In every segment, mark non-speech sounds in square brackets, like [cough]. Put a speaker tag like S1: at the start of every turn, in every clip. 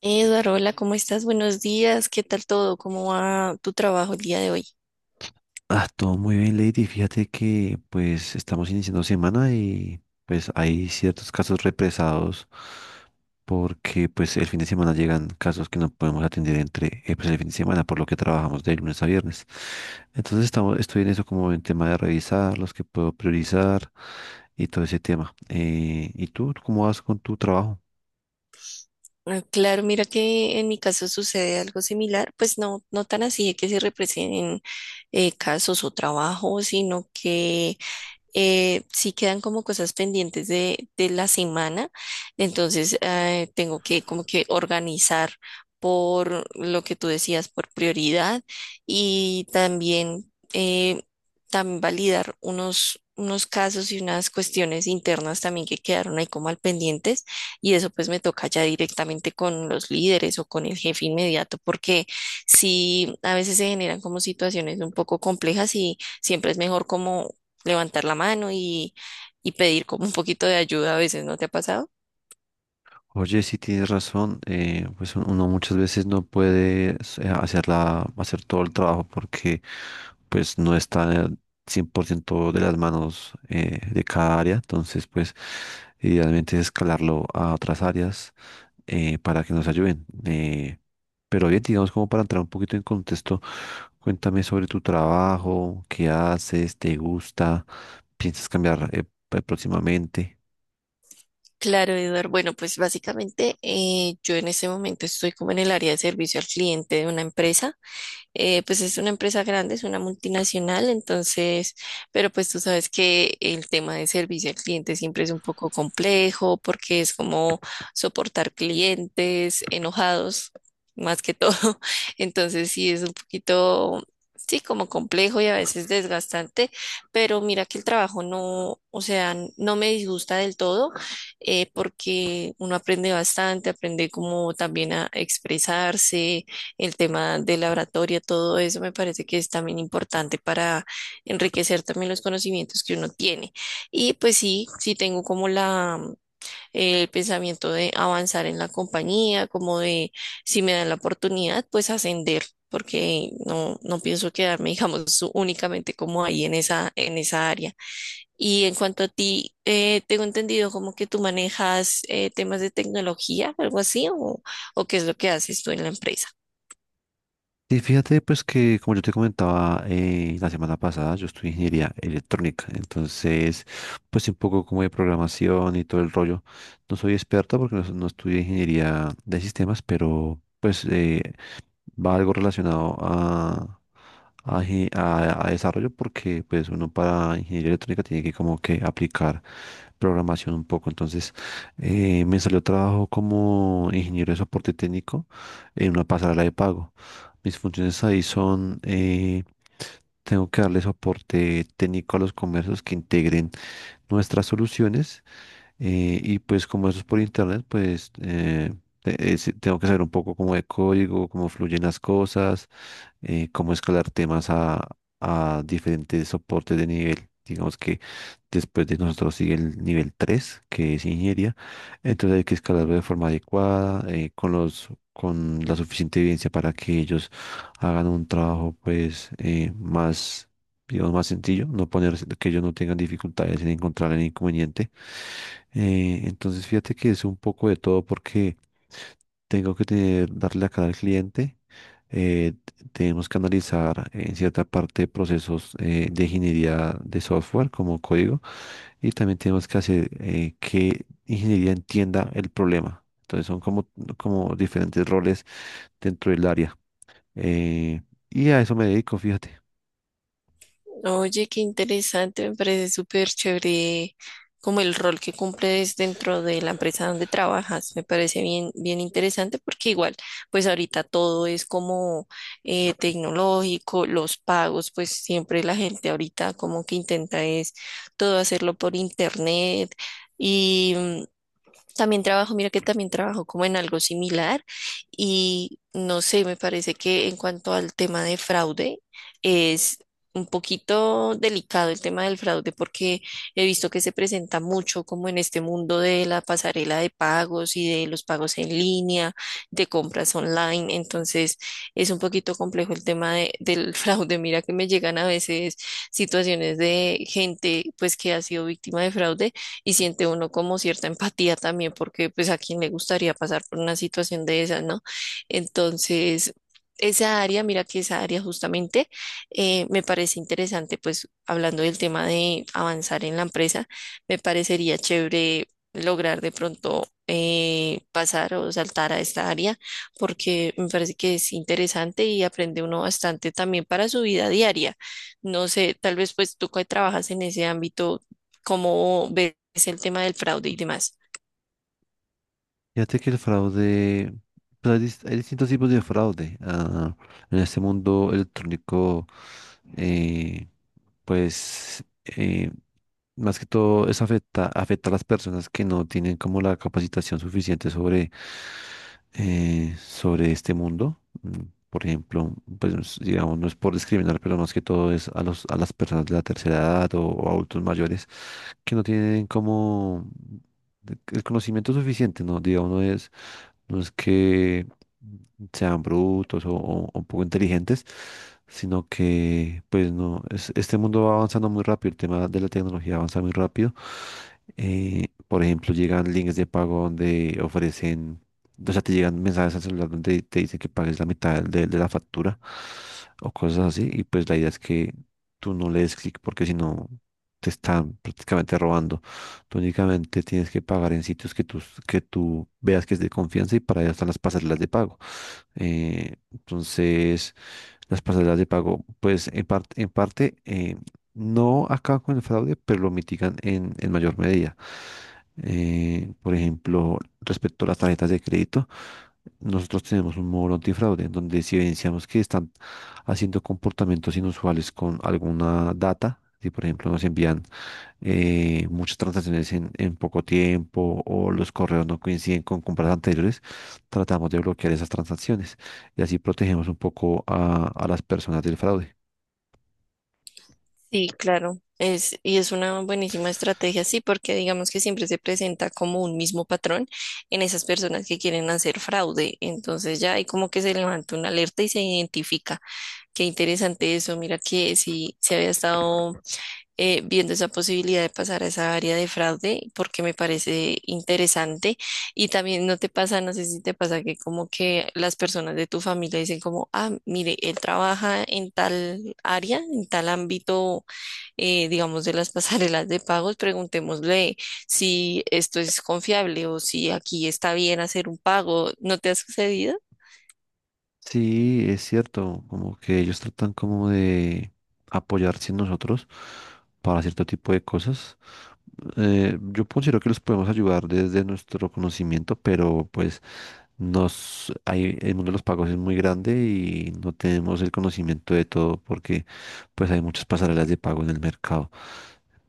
S1: Eduardo, hola, ¿cómo estás? Buenos días, ¿qué tal todo? ¿Cómo va tu trabajo el día de hoy?
S2: Ah, todo muy bien, Lady. Fíjate que pues estamos iniciando semana y pues hay ciertos casos represados porque pues el fin de semana llegan casos que no podemos atender entre pues, el fin de semana por lo que trabajamos de lunes a viernes. Estoy en eso como en tema de revisar los que puedo priorizar y todo ese tema. ¿Y tú cómo vas con tu trabajo?
S1: Ah, claro, mira que en mi caso sucede algo similar, pues no, no tan así de que se representen casos o trabajos, sino que sí quedan como cosas pendientes de la semana, entonces tengo que como que organizar por lo que tú decías, por prioridad y también, también validar unos casos y unas cuestiones internas también que quedaron ahí como al pendientes, y eso pues me toca ya directamente con los líderes o con el jefe inmediato, porque si a veces se generan como situaciones un poco complejas y siempre es mejor como levantar la mano y pedir como un poquito de ayuda a veces. ¿No te ha pasado?
S2: Oye, sí tienes razón, pues uno muchas veces no puede hacer hacer todo el trabajo porque pues no está 100% de las manos de cada área, entonces pues idealmente es escalarlo a otras áreas, para que nos ayuden. Pero bien, digamos como para entrar un poquito en contexto, cuéntame sobre tu trabajo, qué haces, te gusta, piensas cambiar próximamente.
S1: Claro, Eduardo. Bueno, pues básicamente yo en este momento estoy como en el área de servicio al cliente de una empresa. Pues es una empresa grande, es una multinacional, entonces, pero pues tú sabes que el tema de servicio al cliente siempre es un poco complejo porque es como soportar clientes enojados más que todo. [laughs] Entonces sí es un poquito, sí, como complejo y a veces desgastante, pero mira que el trabajo no, o sea, no me disgusta del todo, porque uno aprende bastante, aprende como también a expresarse, el tema de la oratoria, todo eso me parece que es también importante para enriquecer también los conocimientos que uno tiene. Y pues sí, sí tengo como la, el pensamiento de avanzar en la compañía, como de si me dan la oportunidad, pues ascender, porque no, no pienso quedarme, [laughs] digamos, únicamente como ahí en esa área. Y en cuanto a ti, tengo entendido como que tú manejas temas de tecnología, algo así, o qué es lo que haces tú en la empresa.
S2: Y fíjate, pues que como yo te comentaba la semana pasada, yo estudio ingeniería electrónica, entonces pues sí, un poco como de programación y todo el rollo. No soy experto porque no estudié ingeniería de sistemas, pero pues va algo relacionado a desarrollo porque pues uno para ingeniería electrónica tiene que como que aplicar programación un poco. Entonces me salió trabajo como ingeniero de soporte técnico en una pasarela de pago. Mis funciones ahí son, tengo que darle soporte técnico a los comercios que integren nuestras soluciones. Y pues como eso es por internet, pues, sí, tengo que saber un poco como de código, cómo fluyen las cosas, cómo escalar temas a diferentes soportes de nivel. Digamos que después de nosotros sigue el nivel 3 que es ingeniería. Entonces hay que escalarlo de forma adecuada, con la suficiente evidencia para que ellos hagan un trabajo más, digamos, más sencillo, no poner que ellos no tengan dificultades en encontrar el inconveniente. Entonces, fíjate que es un poco de todo porque tengo que darle a cada cliente. Tenemos que analizar en cierta parte procesos de ingeniería de software como código y también tenemos que hacer que ingeniería entienda el problema. Entonces son como, como diferentes roles dentro del área. Eh, y a eso me dedico, fíjate.
S1: Oye, qué interesante, me parece súper chévere como el rol que cumples dentro de la empresa donde trabajas. Me parece bien, bien interesante, porque igual, pues ahorita todo es como tecnológico, los pagos, pues siempre la gente ahorita como que intenta es todo hacerlo por internet. Y mm, también trabajo, mira que también trabajo como en algo similar y no sé, me parece que en cuanto al tema de fraude es un poquito delicado el tema del fraude, porque he visto que se presenta mucho como en este mundo de la pasarela de pagos y de los pagos en línea, de compras online, entonces es un poquito complejo el tema del [laughs] fraude. Mira que me llegan a veces situaciones de gente pues que ha sido víctima de fraude y siente uno como cierta empatía también, porque pues a quién le gustaría pasar por una situación de esa, ¿no? Entonces, esa área, mira que esa área justamente me parece interesante, pues hablando del tema de avanzar en la empresa, me parecería chévere lograr de pronto pasar o saltar a esta área, porque me parece que es interesante y aprende uno bastante también para su vida diaria. No sé, tal vez pues tú que trabajas en ese ámbito cómo ves el tema del fraude y demás.
S2: Fíjate que el fraude, hay distintos tipos de fraude. En este mundo electrónico, eh, pues eh, más que todo eso afecta a las personas que no tienen como la capacitación suficiente sobre, sobre este mundo. Mm, por ejemplo, pues digamos, no es por discriminar, pero más que todo es a a las personas de la tercera edad o adultos mayores que no tienen como el conocimiento suficiente, ¿no? Digamos, no es que sean brutos o poco inteligentes, sino que, pues no, este mundo va avanzando muy rápido, el tema de la tecnología avanza muy rápido. Por ejemplo, llegan links de pago donde ofrecen, o sea, te llegan mensajes al celular donde te dicen que pagues la mitad de la factura o cosas así, y pues la idea es que tú no le des clic porque si no, te están prácticamente robando. Tú únicamente tienes que pagar en sitios que tú veas que es de confianza y para allá están las pasarelas de pago. Entonces, las pasarelas de pago, pues en parte, no acaban con el fraude, pero lo mitigan en mayor medida. Por ejemplo, respecto a las tarjetas de crédito, nosotros tenemos un módulo antifraude en donde si evidenciamos que están haciendo comportamientos inusuales con alguna data, si por ejemplo nos envían muchas transacciones en poco tiempo o los correos no coinciden con compras anteriores, tratamos de bloquear esas transacciones y así protegemos un poco a las personas del fraude.
S1: Sí, claro, es, y es una buenísima estrategia, sí, porque digamos que siempre se presenta como un mismo patrón en esas personas que quieren hacer fraude. Entonces ya hay como que se levanta una alerta y se identifica. Qué interesante eso, mira que si se había estado viendo esa posibilidad de pasar a esa área de fraude porque me parece interesante, y también no te pasa, no sé si te pasa que como que las personas de tu familia dicen como, ah, mire, él trabaja en tal área, en tal ámbito, digamos, de las [laughs] pasarelas de pagos, preguntémosle si esto es confiable o si aquí está bien hacer un pago. ¿No te ha sucedido?
S2: Sí, es cierto, como que ellos tratan como de apoyarse en nosotros para cierto tipo de cosas. Yo considero que los podemos ayudar desde nuestro conocimiento, pero pues el mundo de los pagos es muy grande y no tenemos el conocimiento de todo porque pues hay muchas pasarelas de pago en el mercado.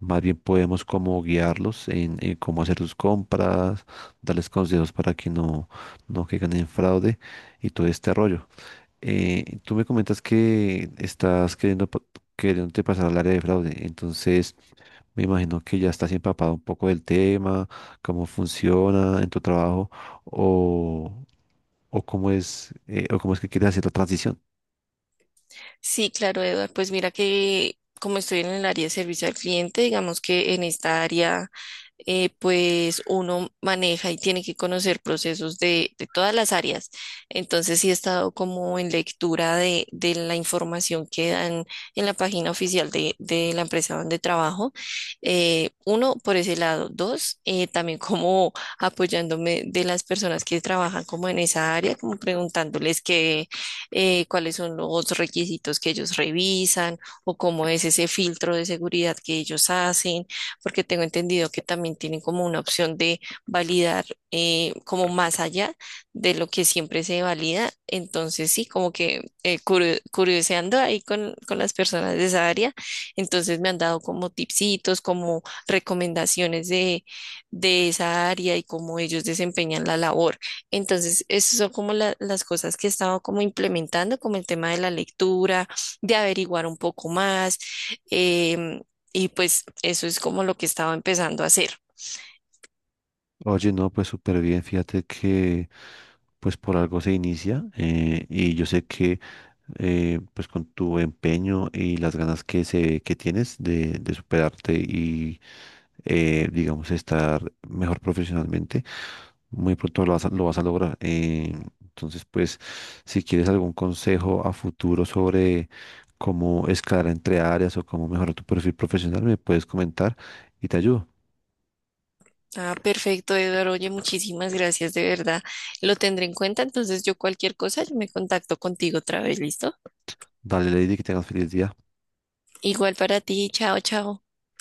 S2: Más bien podemos como guiarlos en cómo hacer sus compras, darles consejos para que no caigan en fraude y todo este rollo. Tú me comentas que estás queriéndote pasar al área de fraude, entonces me imagino que ya estás empapado un poco del tema, cómo funciona en tu trabajo o cómo es que quieren hacer la transición.
S1: Sí, claro, Eduard. Pues mira que como estoy en el área de servicio al cliente, digamos que en esta área, pues uno maneja y tiene que conocer procesos de todas las áreas. Entonces sí he estado como en lectura de la información que dan en la página oficial de la empresa donde trabajo. Uno, por ese lado. Dos, también como apoyándome de las personas que trabajan como en esa área, como preguntándoles qué cuáles son los requisitos que ellos revisan o cómo es ese filtro de seguridad que ellos hacen, porque tengo entendido que también tienen como una opción de validar como más allá de lo que siempre se valida. Entonces, sí, como que curioseando ahí con las personas de esa área, entonces me han dado como tipsitos, como recomendaciones de esa área y cómo ellos desempeñan la labor. Entonces, esas son como las cosas que he estado como implementando, como el tema de la lectura, de averiguar un poco más. em, y pues eso es como lo que he estado empezando a hacer.
S2: Oye, no, pues súper bien, fíjate que pues por algo se inicia, y yo sé que pues con tu empeño y las ganas que tienes de superarte y, digamos, estar mejor profesionalmente, muy pronto lo vas a lograr. Entonces, pues si quieres algún consejo a futuro sobre cómo escalar entre áreas o cómo mejorar tu perfil profesional, me puedes comentar y te ayudo.
S1: Ah, perfecto, Eduardo. Oye, muchísimas gracias, de verdad. Lo tendré en cuenta. Entonces, yo cualquier cosa, yo me contacto contigo otra vez, ¿listo?
S2: Dale, Lady, que tengas feliz día.
S1: Igual para ti. Chao, chao.